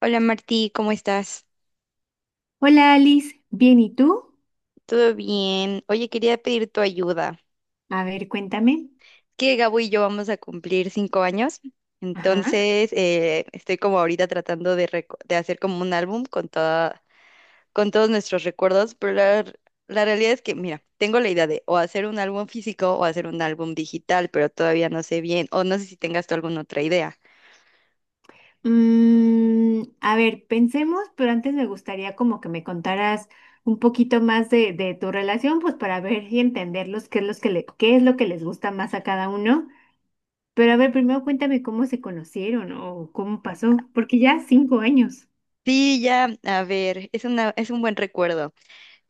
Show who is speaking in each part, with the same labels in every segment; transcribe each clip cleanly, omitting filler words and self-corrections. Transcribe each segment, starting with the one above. Speaker 1: Hola Martí, ¿cómo estás?
Speaker 2: Hola Alice, bien, ¿y tú?
Speaker 1: ¿Todo bien? Oye, quería pedir tu ayuda.
Speaker 2: A ver, cuéntame.
Speaker 1: Que Gabo y yo vamos a cumplir 5 años,
Speaker 2: Ajá.
Speaker 1: entonces estoy como ahorita tratando de hacer como un álbum con todos nuestros recuerdos, pero la realidad es que, mira, tengo la idea de o hacer un álbum físico o hacer un álbum digital, pero todavía no sé bien, o no sé si tengas tú alguna otra idea.
Speaker 2: A ver, pensemos, pero antes me gustaría como que me contaras un poquito más de tu relación, pues para ver y entenderlos qué es lo que les gusta más a cada uno. Pero a ver, primero cuéntame cómo se conocieron o cómo pasó, porque ya 5 años.
Speaker 1: Sí, ya, a ver, es un buen recuerdo.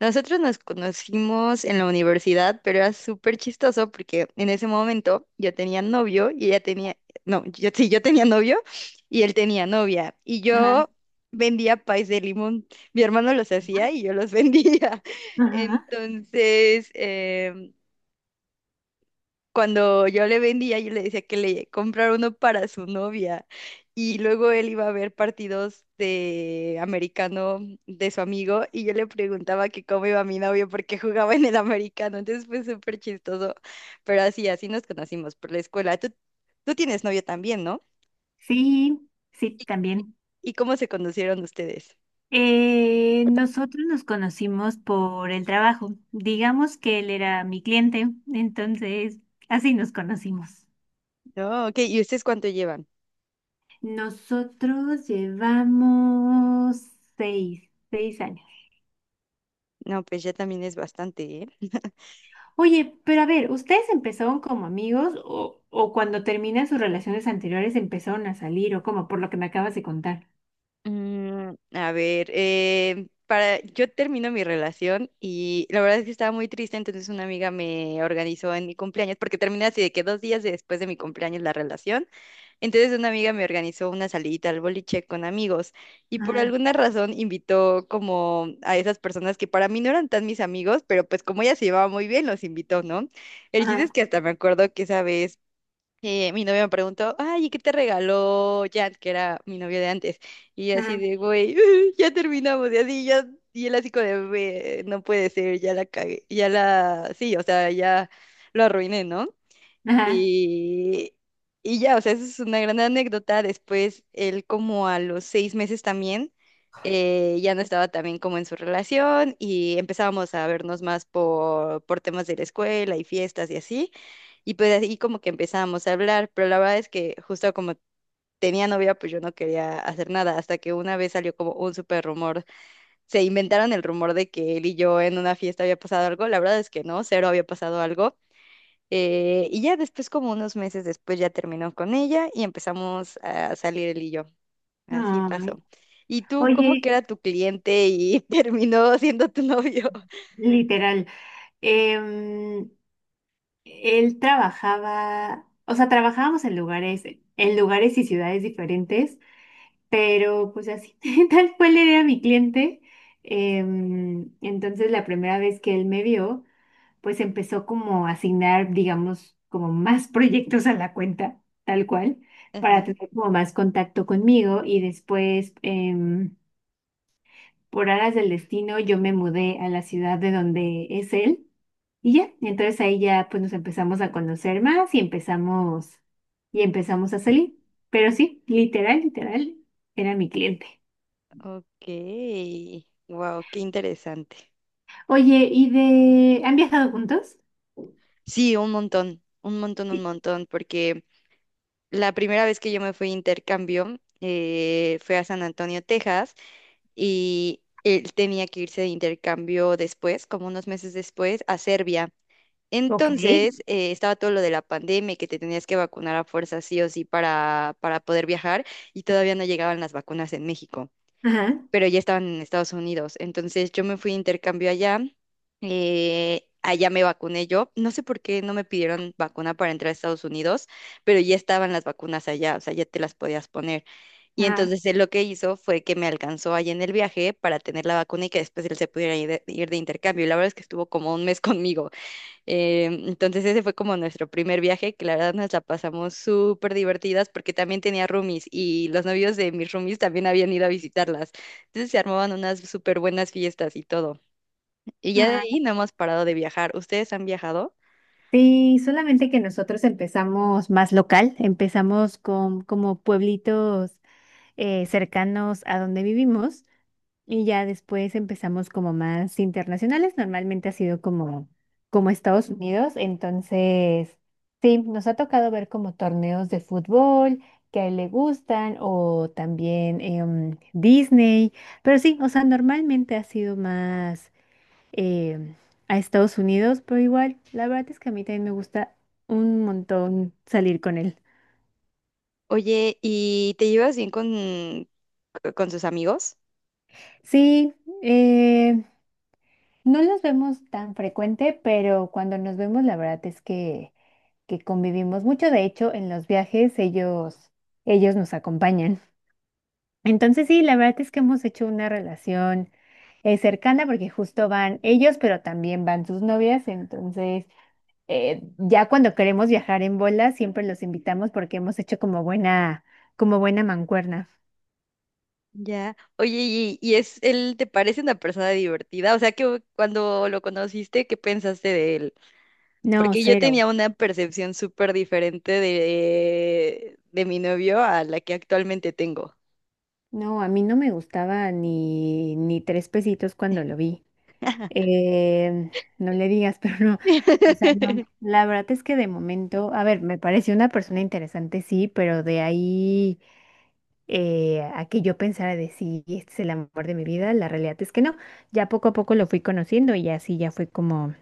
Speaker 1: Nosotros nos conocimos en la universidad, pero era súper chistoso porque en ese momento yo tenía novio y ella tenía, no, yo sí, yo tenía novio y él tenía novia. Y
Speaker 2: Ajá.
Speaker 1: yo vendía pais de limón. Mi hermano los hacía y yo los vendía.
Speaker 2: Ajá.
Speaker 1: Entonces, cuando yo le vendía, yo le decía que le comprara uno para su novia. Y luego él iba a ver partidos de americano de su amigo y yo le preguntaba que cómo iba mi novio porque jugaba en el americano. Entonces fue súper chistoso. Pero así, así nos conocimos por la escuela. Tú tienes novio también, ¿no?
Speaker 2: Sí, sí,
Speaker 1: ¿Y,
Speaker 2: también.
Speaker 1: y cómo se conocieron ustedes?
Speaker 2: Nosotros nos conocimos por el trabajo. Digamos que él era mi cliente, entonces así nos conocimos.
Speaker 1: No, ok. ¿Y ustedes cuánto llevan?
Speaker 2: Nosotros llevamos seis años.
Speaker 1: No, pues ya también es bastante, ¿eh?
Speaker 2: Oye, pero a ver, ¿ustedes empezaron como amigos o cuando terminan sus relaciones anteriores empezaron a salir o como por lo que me acabas de contar?
Speaker 1: Mm, a ver, yo termino mi relación y la verdad es que estaba muy triste, entonces una amiga me organizó en mi cumpleaños, porque terminé así de que 2 días después de mi cumpleaños la relación, entonces una amiga me organizó una salidita al boliche con amigos y por
Speaker 2: Ajá,
Speaker 1: alguna razón invitó como a esas personas que para mí no eran tan mis amigos, pero pues como ella se llevaba muy bien, los invitó, ¿no? El chiste es
Speaker 2: ajá,
Speaker 1: que hasta me acuerdo que sabes mi novio me preguntó, ay, ¿y qué te regaló Jan, que era mi novio de antes? Y yo así
Speaker 2: ajá,
Speaker 1: de, güey, ya terminamos, y así, ya, y él así como de, "Ve, no puede ser, ya la cagué, sí, o sea, ya lo arruiné, ¿no?
Speaker 2: ajá.
Speaker 1: Y, y ya, o sea, eso es una gran anécdota. Después, él como a los 6 meses también, ya no estaba también como en su relación y empezábamos a vernos más por temas de la escuela y fiestas y así. Y pues así como que empezábamos a hablar, pero la verdad es que justo como tenía novia, pues yo no quería hacer nada, hasta que una vez salió como un súper rumor. Se inventaron el rumor de que él y yo en una fiesta había pasado algo, la verdad es que no, cero había pasado algo. Y ya después, como unos meses después, ya terminó con ella y empezamos a salir él y yo. Así
Speaker 2: Ay.
Speaker 1: pasó. ¿Y tú cómo que
Speaker 2: Oye,
Speaker 1: era tu cliente y terminó siendo tu novio?
Speaker 2: literal. em, Él trabajaba, o sea, trabajábamos en lugares y ciudades diferentes, pero pues así, tal cual era mi cliente. Entonces, la primera vez que él me vio, pues empezó como a asignar, digamos, como más proyectos a la cuenta, tal cual, para
Speaker 1: Ajá,
Speaker 2: tener como más contacto conmigo y después, por aras del destino, yo me mudé a la ciudad de donde es él. Y ya, entonces ahí ya pues nos empezamos a conocer más y empezamos a salir. Pero sí, literal, literal, era mi cliente.
Speaker 1: ok. Wow, qué interesante.
Speaker 2: Oye, ¿Han viajado juntos?
Speaker 1: Sí, un montón, un montón, un
Speaker 2: Sí.
Speaker 1: montón, porque la primera vez que yo me fui a intercambio fue a San Antonio, Texas, y él tenía que irse de intercambio después, como unos meses después, a Serbia.
Speaker 2: Ok.
Speaker 1: Entonces, estaba todo lo de la pandemia y que te tenías que vacunar a fuerza sí o sí para poder viajar y todavía no llegaban las vacunas en México,
Speaker 2: Ajá,
Speaker 1: pero ya estaban en Estados Unidos. Entonces, yo me fui a intercambio allá, allá me vacuné yo. No sé por qué no me pidieron vacuna para entrar a Estados Unidos, pero ya estaban las vacunas allá, o sea, ya te las podías poner. Y
Speaker 2: ajá,
Speaker 1: entonces él lo que hizo fue que me alcanzó allá en el viaje para tener la vacuna y que después él se pudiera ir de intercambio. Y la verdad es que estuvo como un mes conmigo. Entonces ese fue como nuestro primer viaje, que la verdad nos la pasamos súper divertidas porque también tenía roomies y los novios de mis roomies también habían ido a visitarlas. Entonces se armaban unas súper buenas fiestas y todo. Y ya de
Speaker 2: ajá.
Speaker 1: ahí no hemos parado de viajar. ¿Ustedes han viajado?
Speaker 2: Sí, solamente que nosotros empezamos más local, empezamos con como pueblitos cercanos a donde vivimos. Y ya después empezamos como más internacionales. Normalmente ha sido como Estados Unidos. Entonces, sí, nos ha tocado ver como torneos de fútbol que a él le gustan o también Disney. Pero sí, o sea, normalmente ha sido más em, a Estados Unidos, pero igual, la verdad es que a mí también me gusta un montón salir con él.
Speaker 1: Oye, ¿y te llevas bien con sus amigos?
Speaker 2: Sí, eh, no los vemos tan frecuente, pero cuando nos vemos, la verdad es que convivimos mucho. De hecho, en los viajes ellos, ellos nos acompañan. Entonces, sí, la verdad es que hemos hecho una relación cercana porque justo van ellos, pero también van sus novias. Entonces, ya cuando queremos viajar en bola, siempre los invitamos porque hemos hecho como buena mancuerna.
Speaker 1: Ya. Oye, ¿y es él te parece una persona divertida? O sea, que cuando lo conociste, ¿qué pensaste de él?
Speaker 2: No,
Speaker 1: Porque yo
Speaker 2: cero.
Speaker 1: tenía una percepción súper diferente de mi novio a la que actualmente tengo.
Speaker 2: No, a mí no me gustaba ni tres pesitos cuando lo vi. Eh, no le digas, pero no. O sea, no. La verdad es que de momento, a ver, me pareció una persona interesante, sí, pero de ahí a que yo pensara de sí, este es el amor de mi vida, la realidad es que no. Ya poco a poco lo fui conociendo y así ya fue como,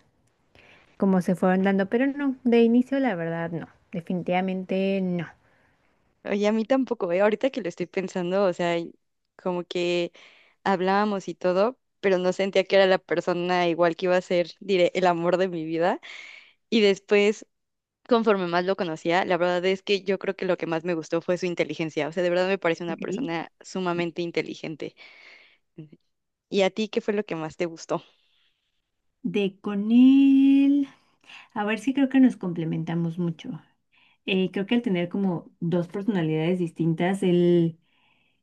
Speaker 2: como se fueron dando, pero no, de inicio la verdad no, definitivamente no.
Speaker 1: Oye, a mí tampoco, ¿eh? Ahorita que lo estoy pensando, o sea, y como que hablábamos y todo, pero no sentía que era la persona igual que iba a ser, diré, el amor de mi vida. Y después, conforme más lo conocía, la verdad es que yo creo que lo que más me gustó fue su inteligencia. O sea, de verdad me parece una
Speaker 2: Ok.
Speaker 1: persona sumamente inteligente. ¿Y a ti qué fue lo que más te gustó?
Speaker 2: De con él, a ver, si creo que nos complementamos mucho. Creo que al tener como dos personalidades distintas, él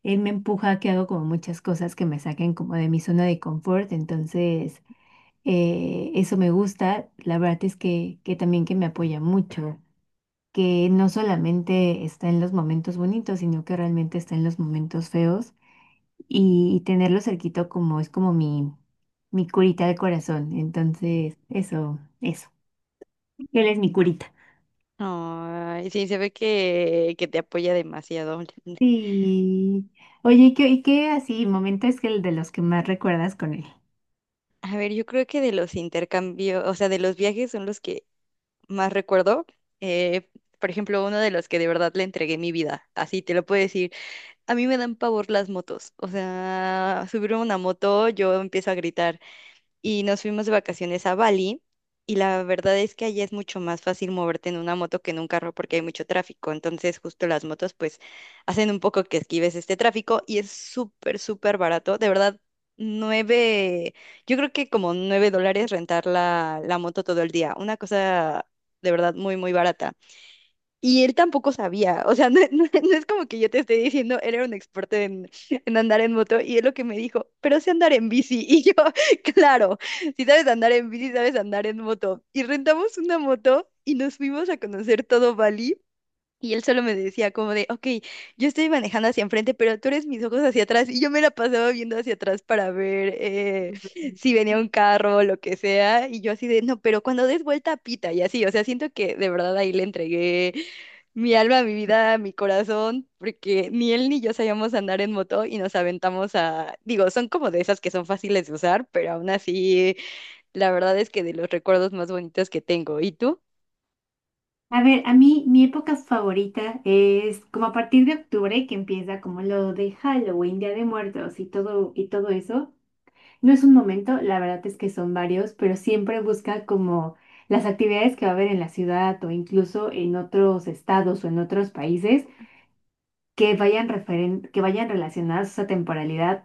Speaker 2: Él me empuja a que hago como muchas cosas que me saquen como de mi zona de confort, entonces eso me gusta. La verdad es que también que me apoya mucho, que no solamente está en los momentos bonitos, sino que realmente está en los momentos feos y tenerlo cerquito como es como mi curita del corazón. Entonces, eso, eso. Él es mi curita.
Speaker 1: Ay, sí, se ve que te apoya demasiado.
Speaker 2: Sí. Oye, y qué así momentos que el de los que más recuerdas con él?
Speaker 1: A ver, yo creo que de los intercambios, o sea, de los viajes son los que más recuerdo. Eh, por ejemplo, uno de los que de verdad le entregué mi vida, así te lo puedo decir. A mí me dan pavor las motos, o sea, subirme a una moto, yo empiezo a gritar. Y nos fuimos de vacaciones a Bali y la verdad es que allá es mucho más fácil moverte en una moto que en un carro porque hay mucho tráfico, entonces justo las motos pues hacen un poco que esquives este tráfico y es súper, súper barato, de verdad, nueve, yo creo que como $9 rentar la moto todo el día, una cosa de verdad muy, muy barata. Y él tampoco sabía, o sea, no es como que yo te esté diciendo, él era un experto en andar en moto y él lo que me dijo, pero sé andar en bici. Y yo, claro, si sabes andar en bici, sabes andar en moto. Y rentamos una moto y nos fuimos a conocer todo Bali y él solo me decía como de, ok, yo estoy manejando hacia enfrente, pero tú eres mis ojos hacia atrás. Y yo me la pasaba viendo hacia atrás para ver si venía un carro o lo que sea. Y yo así de, no, pero cuando des vuelta, pita. Y así, o sea, siento que de verdad ahí le entregué mi alma, mi vida, mi corazón, porque ni él ni yo sabíamos andar en moto y nos aventamos a, digo, son como de esas que son fáciles de usar, pero aún así, la verdad es que de los recuerdos más bonitos que tengo. ¿Y tú?
Speaker 2: A ver, a mí mi época favorita es como a partir de octubre, que empieza como lo de Halloween, Día de Muertos y todo eso. No es un momento, la verdad es que son varios, pero siempre busca como las actividades que va a haber en la ciudad o incluso en otros estados o en otros países que vayan relacionadas a esa temporalidad,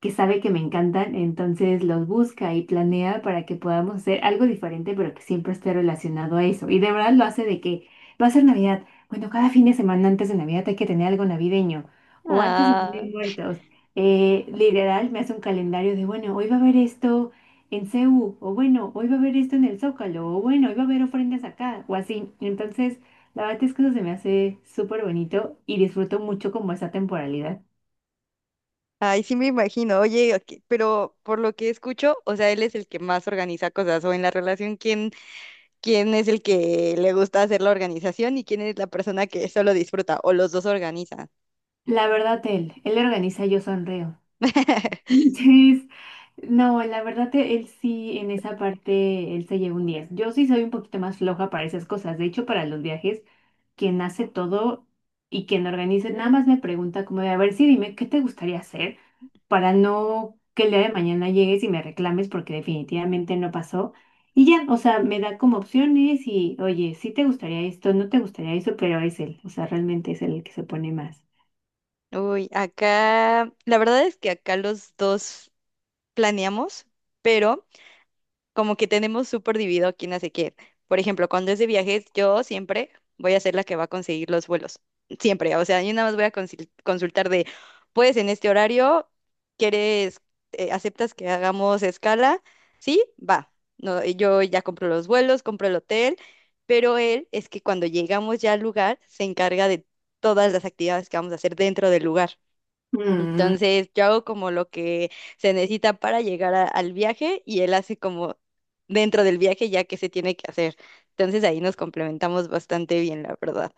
Speaker 2: que sabe que me encantan, entonces los busca y planea para que podamos hacer algo diferente, pero que siempre esté relacionado a eso. Y de verdad lo hace de que va a ser Navidad. Bueno, cada fin de semana antes de Navidad hay que tener algo navideño. O antes de Día
Speaker 1: Ah.
Speaker 2: de Muertos. Literal, me hace un calendario de, bueno, hoy va a haber esto en CU, o bueno, hoy va a haber esto en el Zócalo, o bueno, hoy va a haber ofrendas acá, o así. Entonces, la verdad es que eso se me hace súper bonito y disfruto mucho como esa temporalidad.
Speaker 1: Ay, sí me imagino. Oye, ok, pero por lo que escucho, o sea, él es el que más organiza cosas o en la relación, ¿quién es el que le gusta hacer la organización y quién es la persona que solo disfruta o los dos organizan?
Speaker 2: La verdad, él organiza, yo sonreo. Entonces, no, la verdad, él sí, en esa parte, él se lleva un 10. Yo sí soy un poquito más floja para esas cosas. De hecho, para los viajes, quien hace todo y quien organiza, nada más me pregunta como de, a ver, sí, dime, ¿qué te gustaría hacer? Para no que el día de mañana llegues y me reclames porque definitivamente no pasó. Y ya, o sea, me da como opciones y, oye, sí te gustaría esto, no te gustaría eso, pero es él, o sea, realmente es él el que se pone más.
Speaker 1: Uy, acá, la verdad es que acá los dos planeamos, pero como que tenemos súper dividido quién hace qué. Por ejemplo, cuando es de viajes, yo siempre voy a ser la que va a conseguir los vuelos. Siempre. O sea, yo nada más voy a consultar de, pues en este horario, ¿quieres, aceptas que hagamos escala? Sí, va. No, yo ya compro los vuelos, compro el hotel, pero él es que cuando llegamos ya al lugar, se encarga de todas las actividades que vamos a hacer dentro del lugar. Entonces yo hago como lo que se necesita para llegar al viaje y él hace como dentro del viaje ya que se tiene que hacer. Entonces ahí nos complementamos bastante bien, la verdad.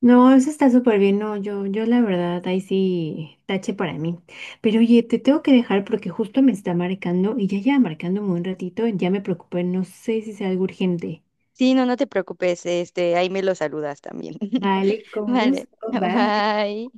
Speaker 2: No, eso está súper bien. No, yo la verdad, ahí sí, tache para mí. Pero oye, te tengo que dejar porque justo me está marcando y ya lleva marcándome un ratito, ya me preocupé, no sé si sea algo urgente.
Speaker 1: Sí, no, no te preocupes, este, ahí me lo saludas también.
Speaker 2: Vale, con
Speaker 1: Vale,
Speaker 2: gusto, bye.
Speaker 1: bye.